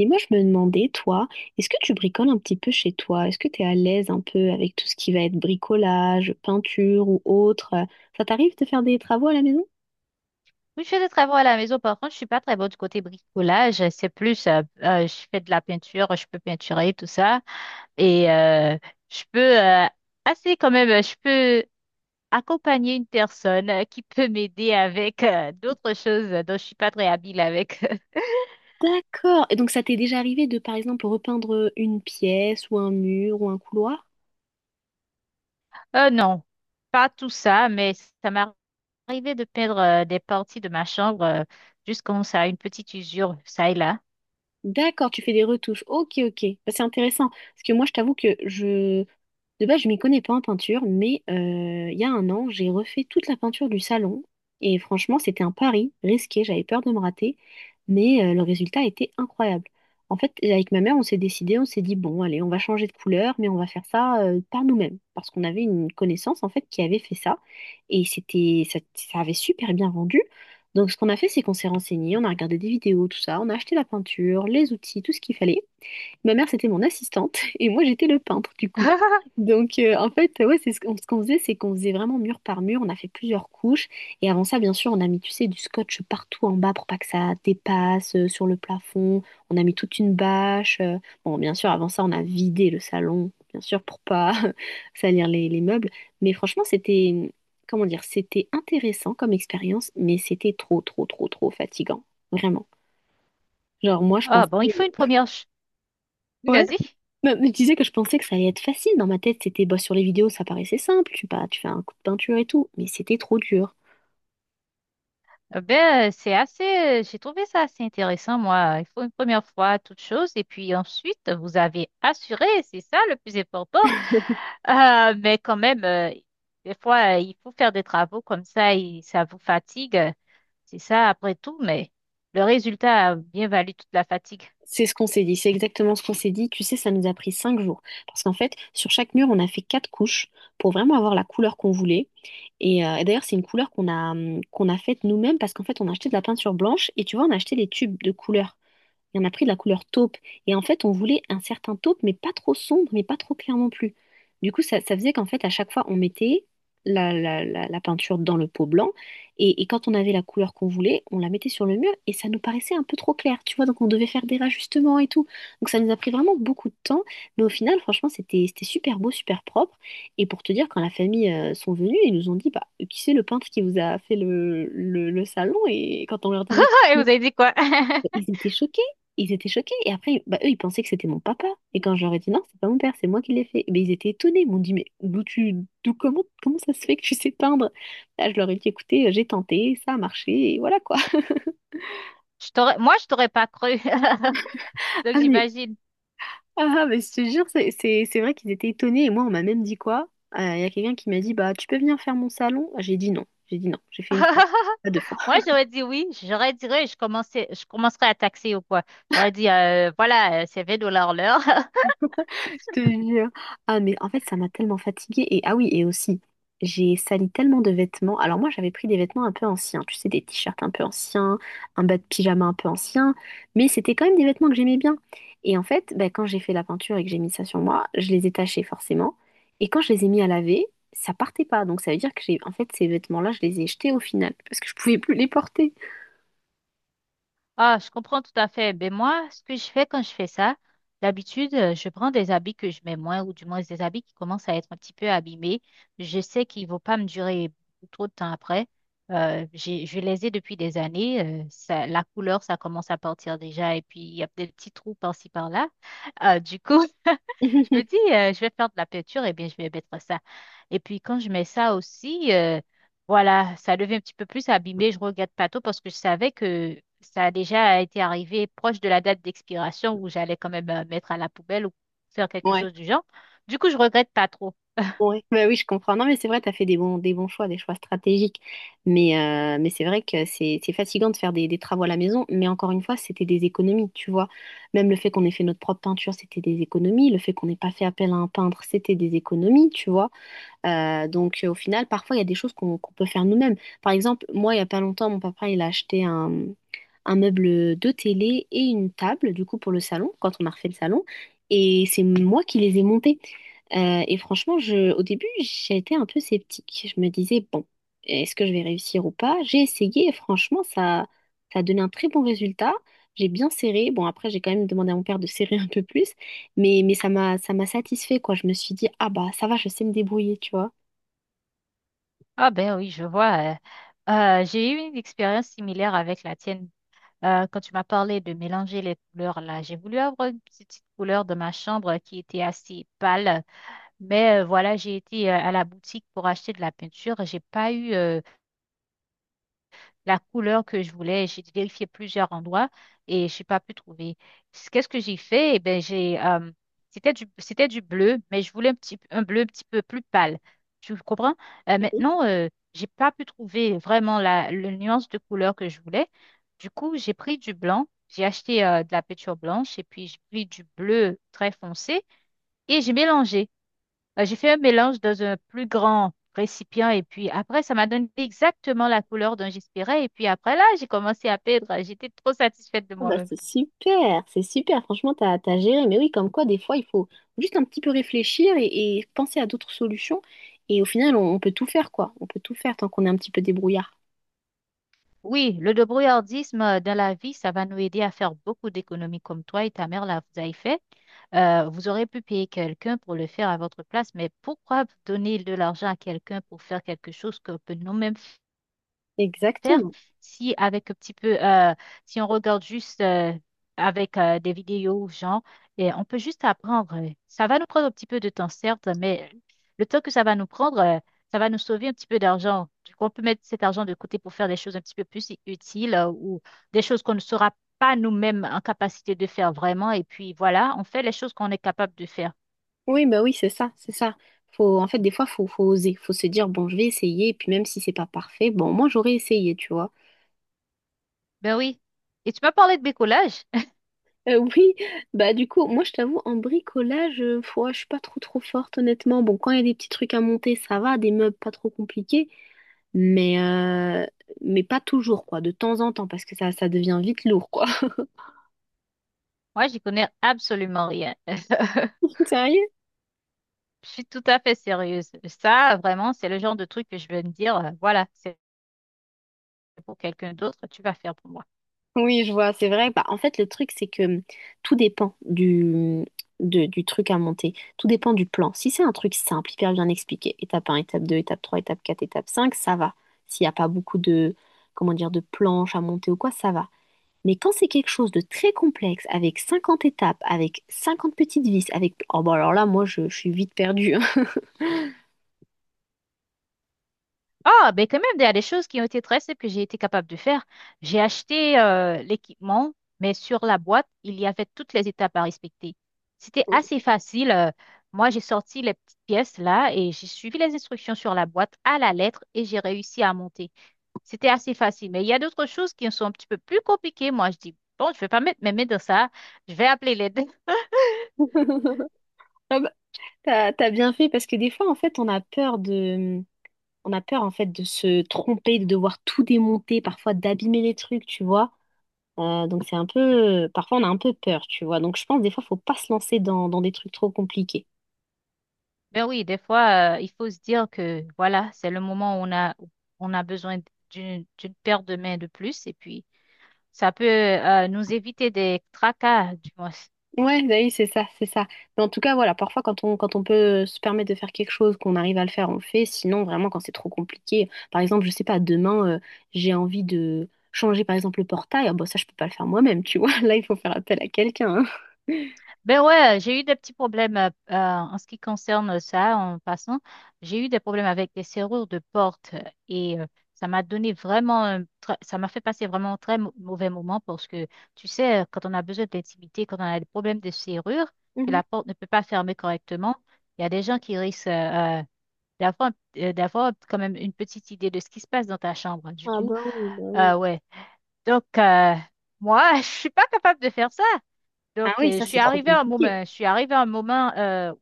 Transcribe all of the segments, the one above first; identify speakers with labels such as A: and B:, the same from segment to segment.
A: Et moi, je me demandais, toi, est-ce que tu bricoles un petit peu chez toi? Est-ce que tu es à l'aise un peu avec tout ce qui va être bricolage, peinture ou autre? Ça t'arrive de faire des travaux à la maison?
B: Oui, je fais des travaux à la maison. Par contre, je suis pas très bonne du côté bricolage. C'est plus, je fais de la peinture, je peux peinturer tout ça. Et je peux, assez quand même, je peux accompagner une personne qui peut m'aider avec d'autres choses dont je suis pas très habile avec.
A: D'accord. Et donc, ça t'est déjà arrivé de, par exemple, repeindre une pièce ou un mur ou un couloir?
B: Non, pas tout ça, mais ça m'est arrivé de peindre des parties de ma chambre juste quand ça a une petite usure, ça et là.
A: D'accord, tu fais des retouches. Ok, ok. Bah, c'est intéressant. Parce que moi, je t'avoue que je... De base, je m'y connais pas en peinture, mais il y a un an, j'ai refait toute la peinture du salon. Et franchement, c'était un pari risqué. J'avais peur de me rater, mais le résultat était incroyable. En fait, avec ma mère, on s'est décidé, on s'est dit, bon, allez, on va changer de couleur, mais on va faire ça par nous-mêmes. Parce qu'on avait une connaissance, en fait, qui avait fait ça. Et c'était, ça avait super bien rendu. Donc, ce qu'on a fait, c'est qu'on s'est renseigné, on a regardé des vidéos, tout ça, on a acheté la peinture, les outils, tout ce qu'il fallait. Ma mère, c'était mon assistante et moi, j'étais le peintre, du coup. Donc, en fait, ouais, c'est ce qu'on faisait, c'est qu'on faisait vraiment mur par mur. On a fait plusieurs couches. Et avant ça, bien sûr, on a mis, tu sais, du scotch partout en bas pour pas que ça dépasse sur le plafond. On a mis toute une bâche. Bon, bien sûr, avant ça, on a vidé le salon, bien sûr, pour pas salir les meubles. Mais franchement, c'était, comment dire, c'était intéressant comme expérience, mais c'était trop, trop, trop, trop fatigant. Vraiment. Genre, moi, je
B: Ah
A: pensais...
B: bon, il faut une première... Oui,
A: Ouais,
B: vas-y.
A: bah, mais tu sais que je pensais que ça allait être facile. Dans ma tête, c'était bah, sur les vidéos, ça paraissait simple. Tu fais un coup de peinture et tout. Mais c'était trop dur.
B: Eh ben, c'est assez, j'ai trouvé ça assez intéressant, moi. Il faut une première fois toute chose, et puis ensuite, vous avez assuré, c'est ça le plus important. Mais quand même, des fois, il faut faire des travaux comme ça, et ça vous fatigue, c'est ça après tout, mais le résultat a bien valu toute la fatigue.
A: C'est ce qu'on s'est dit. C'est exactement ce qu'on s'est dit. Tu sais, ça nous a pris 5 jours. Parce qu'en fait, sur chaque mur, on a fait 4 couches pour vraiment avoir la couleur qu'on voulait. Et d'ailleurs, c'est une couleur qu'on a, qu'on a faite nous-mêmes parce qu'en fait, on a acheté de la peinture blanche et tu vois, on a acheté les tubes de couleurs. Il y en a pris de la couleur taupe. Et en fait, on voulait un certain taupe, mais pas trop sombre, mais pas trop clair non plus. Du coup, ça faisait qu'en fait, à chaque fois, on mettait la peinture dans le pot blanc. Et quand on avait la couleur qu'on voulait, on la mettait sur le mur et ça nous paraissait un peu trop clair, tu vois. Donc, on devait faire des rajustements et tout. Donc, ça nous a pris vraiment beaucoup de temps. Mais au final, franchement, c'était super beau, super propre. Et pour te dire, quand la famille sont venus, ils nous ont dit, bah, qui c'est le peintre qui vous a fait le salon? Et quand on leur disait...
B: Et vous avez dit quoi?
A: Ils étaient choqués. Ils étaient choqués. Et après, bah, eux, ils pensaient que c'était mon papa. Et quand je leur ai dit non, c'est pas mon père, c'est moi qui l'ai fait. Mais ils étaient étonnés. Ils m'ont dit, mais d'où tu, d'où, comment, comment ça se fait que tu sais peindre? Là, je leur ai dit, écoutez, j'ai tenté, ça a marché, et voilà quoi.
B: Je t'aurais, moi, je t'aurais pas cru, donc
A: Ah mais,
B: j'imagine.
A: ah mais, je te jure, c'est vrai qu'ils étaient étonnés. Et moi, on m'a même dit quoi? Il y a quelqu'un qui m'a dit, bah, tu peux venir faire mon salon? J'ai dit non. J'ai dit non. J'ai fait une fois, pas deux fois.
B: Moi, j'aurais dit oui. J'aurais dit oui. Je commençais, je commencerai à taxer ou quoi. J'aurais dit, voilà, c'est 20 dollars l'heure.
A: Je te jure. Ah, mais en fait, ça m'a tellement fatiguée. Et ah oui, et aussi, j'ai sali tellement de vêtements. Alors moi, j'avais pris des vêtements un peu anciens, tu sais, des t-shirts un peu anciens, un bas de pyjama un peu ancien, mais c'était quand même des vêtements que j'aimais bien. Et en fait, bah, quand j'ai fait la peinture et que j'ai mis ça sur moi, je les ai tachés forcément. Et quand je les ai mis à laver, ça partait pas. Donc ça veut dire que j'ai, en fait, ces vêtements-là, je les ai jetés au final parce que je pouvais plus les porter.
B: Ah, je comprends tout à fait. Ben moi, ce que je fais quand je fais ça, d'habitude, je prends des habits que je mets moins, ou du moins des habits qui commencent à être un petit peu abîmés. Je sais qu'ils vont pas me durer trop de temps après. Je les ai depuis des années. Ça, la couleur, ça commence à partir déjà, et puis il y a des petits trous par-ci par-là. Du coup, je me dis, je vais faire de la peinture, et bien je vais mettre ça. Et puis quand je mets ça aussi, voilà, ça devient un petit peu plus abîmé. Je regrette pas trop parce que je savais que ça a déjà été arrivé proche de la date d'expiration où j'allais quand même mettre à la poubelle ou faire quelque
A: Ouais.
B: chose du genre. Du coup, je regrette pas trop.
A: Ouais. Bah oui, je comprends. Non, mais c'est vrai, tu as fait des bons choix, des choix stratégiques. Mais, c'est vrai que c'est fatigant de faire des travaux à la maison. Mais encore une fois, c'était des économies, tu vois. Même le fait qu'on ait fait notre propre peinture, c'était des économies. Le fait qu'on n'ait pas fait appel à un peintre, c'était des économies, tu vois. Donc, au final, parfois, il y a des choses qu'on peut faire nous-mêmes. Par exemple, moi, il n'y a pas longtemps, mon papa, il a acheté un meuble de télé et une table, du coup, pour le salon, quand on a refait le salon. Et c'est moi qui les ai montés. Et franchement, au début, j'étais un peu sceptique. Je me disais, bon, est-ce que je vais réussir ou pas? J'ai essayé et franchement, ça a donné un très bon résultat. J'ai bien serré. Bon, après, j'ai quand même demandé à mon père de serrer un peu plus, mais ça m'a satisfait, quoi. Je me suis dit, ah bah, ça va, je sais me débrouiller, tu vois.
B: Ah ben oui, je vois. J'ai eu une expérience similaire avec la tienne. Quand tu m'as parlé de mélanger les couleurs là, j'ai voulu avoir une petite couleur de ma chambre qui était assez pâle, mais voilà, j'ai été à la boutique pour acheter de la peinture. J'ai pas eu la couleur que je voulais. J'ai vérifié plusieurs endroits et je n'ai pas pu trouver. Qu'est-ce que j'ai fait? Eh ben, c'était c'était du bleu, mais je voulais un bleu un petit peu plus pâle. Tu comprends? Euh, maintenant, euh, j'ai pas pu trouver vraiment le nuance de couleur que je voulais. Du coup, j'ai pris du blanc. J'ai acheté de la peinture blanche et puis j'ai pris du bleu très foncé et j'ai mélangé. J'ai fait un mélange dans un plus grand récipient et puis après, ça m'a donné exactement la couleur dont j'espérais. Et puis après, là, j'ai commencé à peindre. J'étais trop satisfaite de
A: Ah bah,
B: moi-même.
A: c'est super, c'est super. Franchement, t'as géré. Mais oui, comme quoi, des fois, il faut juste un petit peu réfléchir et penser à d'autres solutions. Et au final, on peut tout faire, quoi. On peut tout faire tant qu'on est un petit peu débrouillard.
B: Oui, le débrouillardisme dans la vie, ça va nous aider à faire beaucoup d'économies comme toi et ta mère, là, vous avez fait. Vous aurez pu payer quelqu'un pour le faire à votre place, mais pourquoi donner de l'argent à quelqu'un pour faire quelque chose que peut nous-mêmes faire
A: Exactement.
B: si avec un petit peu, si on regarde juste avec des vidéos, genre, et on peut juste apprendre. Ça va nous prendre un petit peu de temps, certes, mais le temps que ça va nous prendre, ça va nous sauver un petit peu d'argent. Du coup, on peut mettre cet argent de côté pour faire des choses un petit peu plus utiles ou des choses qu'on ne sera pas nous-mêmes en capacité de faire vraiment. Et puis voilà, on fait les choses qu'on est capable de faire.
A: Oui, bah oui, c'est ça, c'est ça. Faut, en fait, des fois, faut oser. Faut se dire, bon, je vais essayer. Et puis même si c'est pas parfait, bon, moi, j'aurais essayé, tu vois.
B: Ben oui. Et tu m'as parlé de bricolage?
A: Oui, bah du coup, moi je t'avoue, en bricolage, ouais, je suis pas trop trop forte honnêtement. Bon, quand il y a des petits trucs à monter, ça va, des meubles pas trop compliqués, mais, euh, mais pas toujours, quoi, de temps en temps, parce que ça devient vite lourd, quoi.
B: Moi, j'y connais absolument rien.
A: Sérieux?
B: Je suis tout à fait sérieuse. Ça, vraiment, c'est le genre de truc que je vais me dire, voilà, c'est pour quelqu'un d'autre, tu vas faire pour moi.
A: Oui, je vois, c'est vrai. Bah, en fait, le truc, c'est que tout dépend hum, du truc à monter. Tout dépend du plan. Si c'est un truc simple, hyper bien expliqué, étape un, étape 2, étape 3, étape 4, étape 5, ça va. S'il n'y a pas beaucoup de, comment dire, de planches à monter ou quoi, ça va. Mais quand c'est quelque chose de très complexe, avec 50 étapes, avec 50 petites vis, avec... Oh bah alors là, moi, je suis vite perdue, hein.
B: Ah, ben quand même, il y a des choses qui ont été très simples que j'ai été capable de faire. J'ai acheté l'équipement, mais sur la boîte, il y avait toutes les étapes à respecter. C'était assez facile. Moi, j'ai sorti les petites pièces là et j'ai suivi les instructions sur la boîte à la lettre et j'ai réussi à monter. C'était assez facile. Mais il y a d'autres choses qui sont un petit peu plus compliquées. Moi, je dis, bon, je vais pas mettre mes mains dans ça. Je vais appeler l'aide.
A: Ah bah, t'as bien fait, parce que des fois, en fait, on a peur de... On a peur, en fait, de se tromper, de devoir tout démonter, parfois d'abîmer les trucs, tu vois. Donc c'est un peu... Parfois, on a un peu peur, tu vois. Donc je pense, des fois, faut pas se lancer dans des trucs trop compliqués.
B: Ben oui, des fois, il faut se dire que voilà, c'est le moment où on a besoin d'une paire de mains de plus et puis ça peut nous éviter des tracas, du moins.
A: Ouais, bah oui, c'est ça, c'est ça. Mais en tout cas, voilà, parfois quand on peut se permettre de faire quelque chose, qu'on arrive à le faire, on le fait. Sinon, vraiment, quand c'est trop compliqué, par exemple, je sais pas, demain, j'ai envie de changer, par exemple, le portail. Ah, bah ça, je peux pas le faire moi-même, tu vois. Là, il faut faire appel à quelqu'un, hein.
B: Ben ouais, j'ai eu des petits problèmes en ce qui concerne ça, en passant. J'ai eu des problèmes avec des serrures de porte et ça m'a donné vraiment, ça m'a fait passer vraiment un très mauvais moment parce que, tu sais, quand on a besoin d'intimité, quand on a des problèmes de serrure, que
A: Mhm.
B: la porte ne peut pas fermer correctement, il y a des gens qui risquent d'avoir d'avoir quand même une petite idée de ce qui se passe dans ta chambre. Du
A: Ah
B: coup,
A: bah oui, bah oui.
B: ouais. Donc, moi, je suis pas capable de faire ça.
A: Ah
B: Donc,
A: oui,
B: je
A: ça,
B: suis
A: c'est trop
B: arrivée à un
A: compliqué.
B: moment, je suis arrivée à un moment où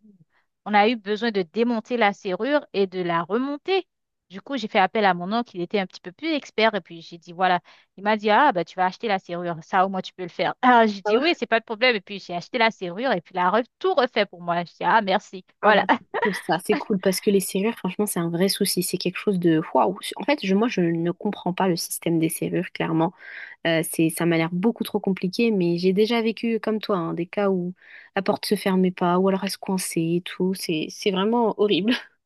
B: on a eu besoin de démonter la serrure et de la remonter. Du coup, j'ai fait appel à mon oncle, il était un petit peu plus expert, et puis j'ai dit, voilà, il m'a dit, ah, bah, tu vas acheter la serrure, ça, au moins, tu peux le faire. Ah, j'ai
A: Ah,
B: dit, oui,
A: ouais.
B: c'est pas de problème, et puis j'ai acheté la serrure, et puis il a tout refait pour moi. Je dis, ah, merci.
A: Ah bah,
B: Voilà.
A: c'est cool, ça, c'est cool, parce que les serrures, franchement, c'est un vrai souci. C'est quelque chose de... Waouh! En fait, moi, je ne comprends pas le système des serrures, clairement. Ça m'a l'air beaucoup trop compliqué, mais j'ai déjà vécu comme toi, hein, des cas où la porte se fermait pas, ou alors elle se coinçait et tout. C'est vraiment horrible.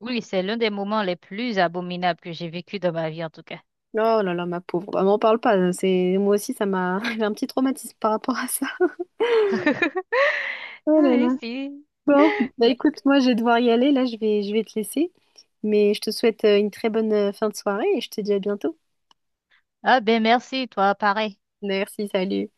B: Oui, c'est l'un des moments les plus abominables que j'ai vécu dans ma vie, en tout cas.
A: Oh là là, ma pauvre. Bah, m'en parle pas, hein. C'est, moi aussi, j'ai un petit traumatisme par rapport à ça. Oh
B: Ah,
A: là
B: oui,
A: là.
B: si.
A: Bon, bah
B: Yeah.
A: écoute, moi, je vais devoir y aller. Là, je vais te laisser. Mais je te souhaite une très bonne fin de soirée et je te dis à bientôt.
B: Ah, ben, merci, toi, pareil.
A: Merci, salut.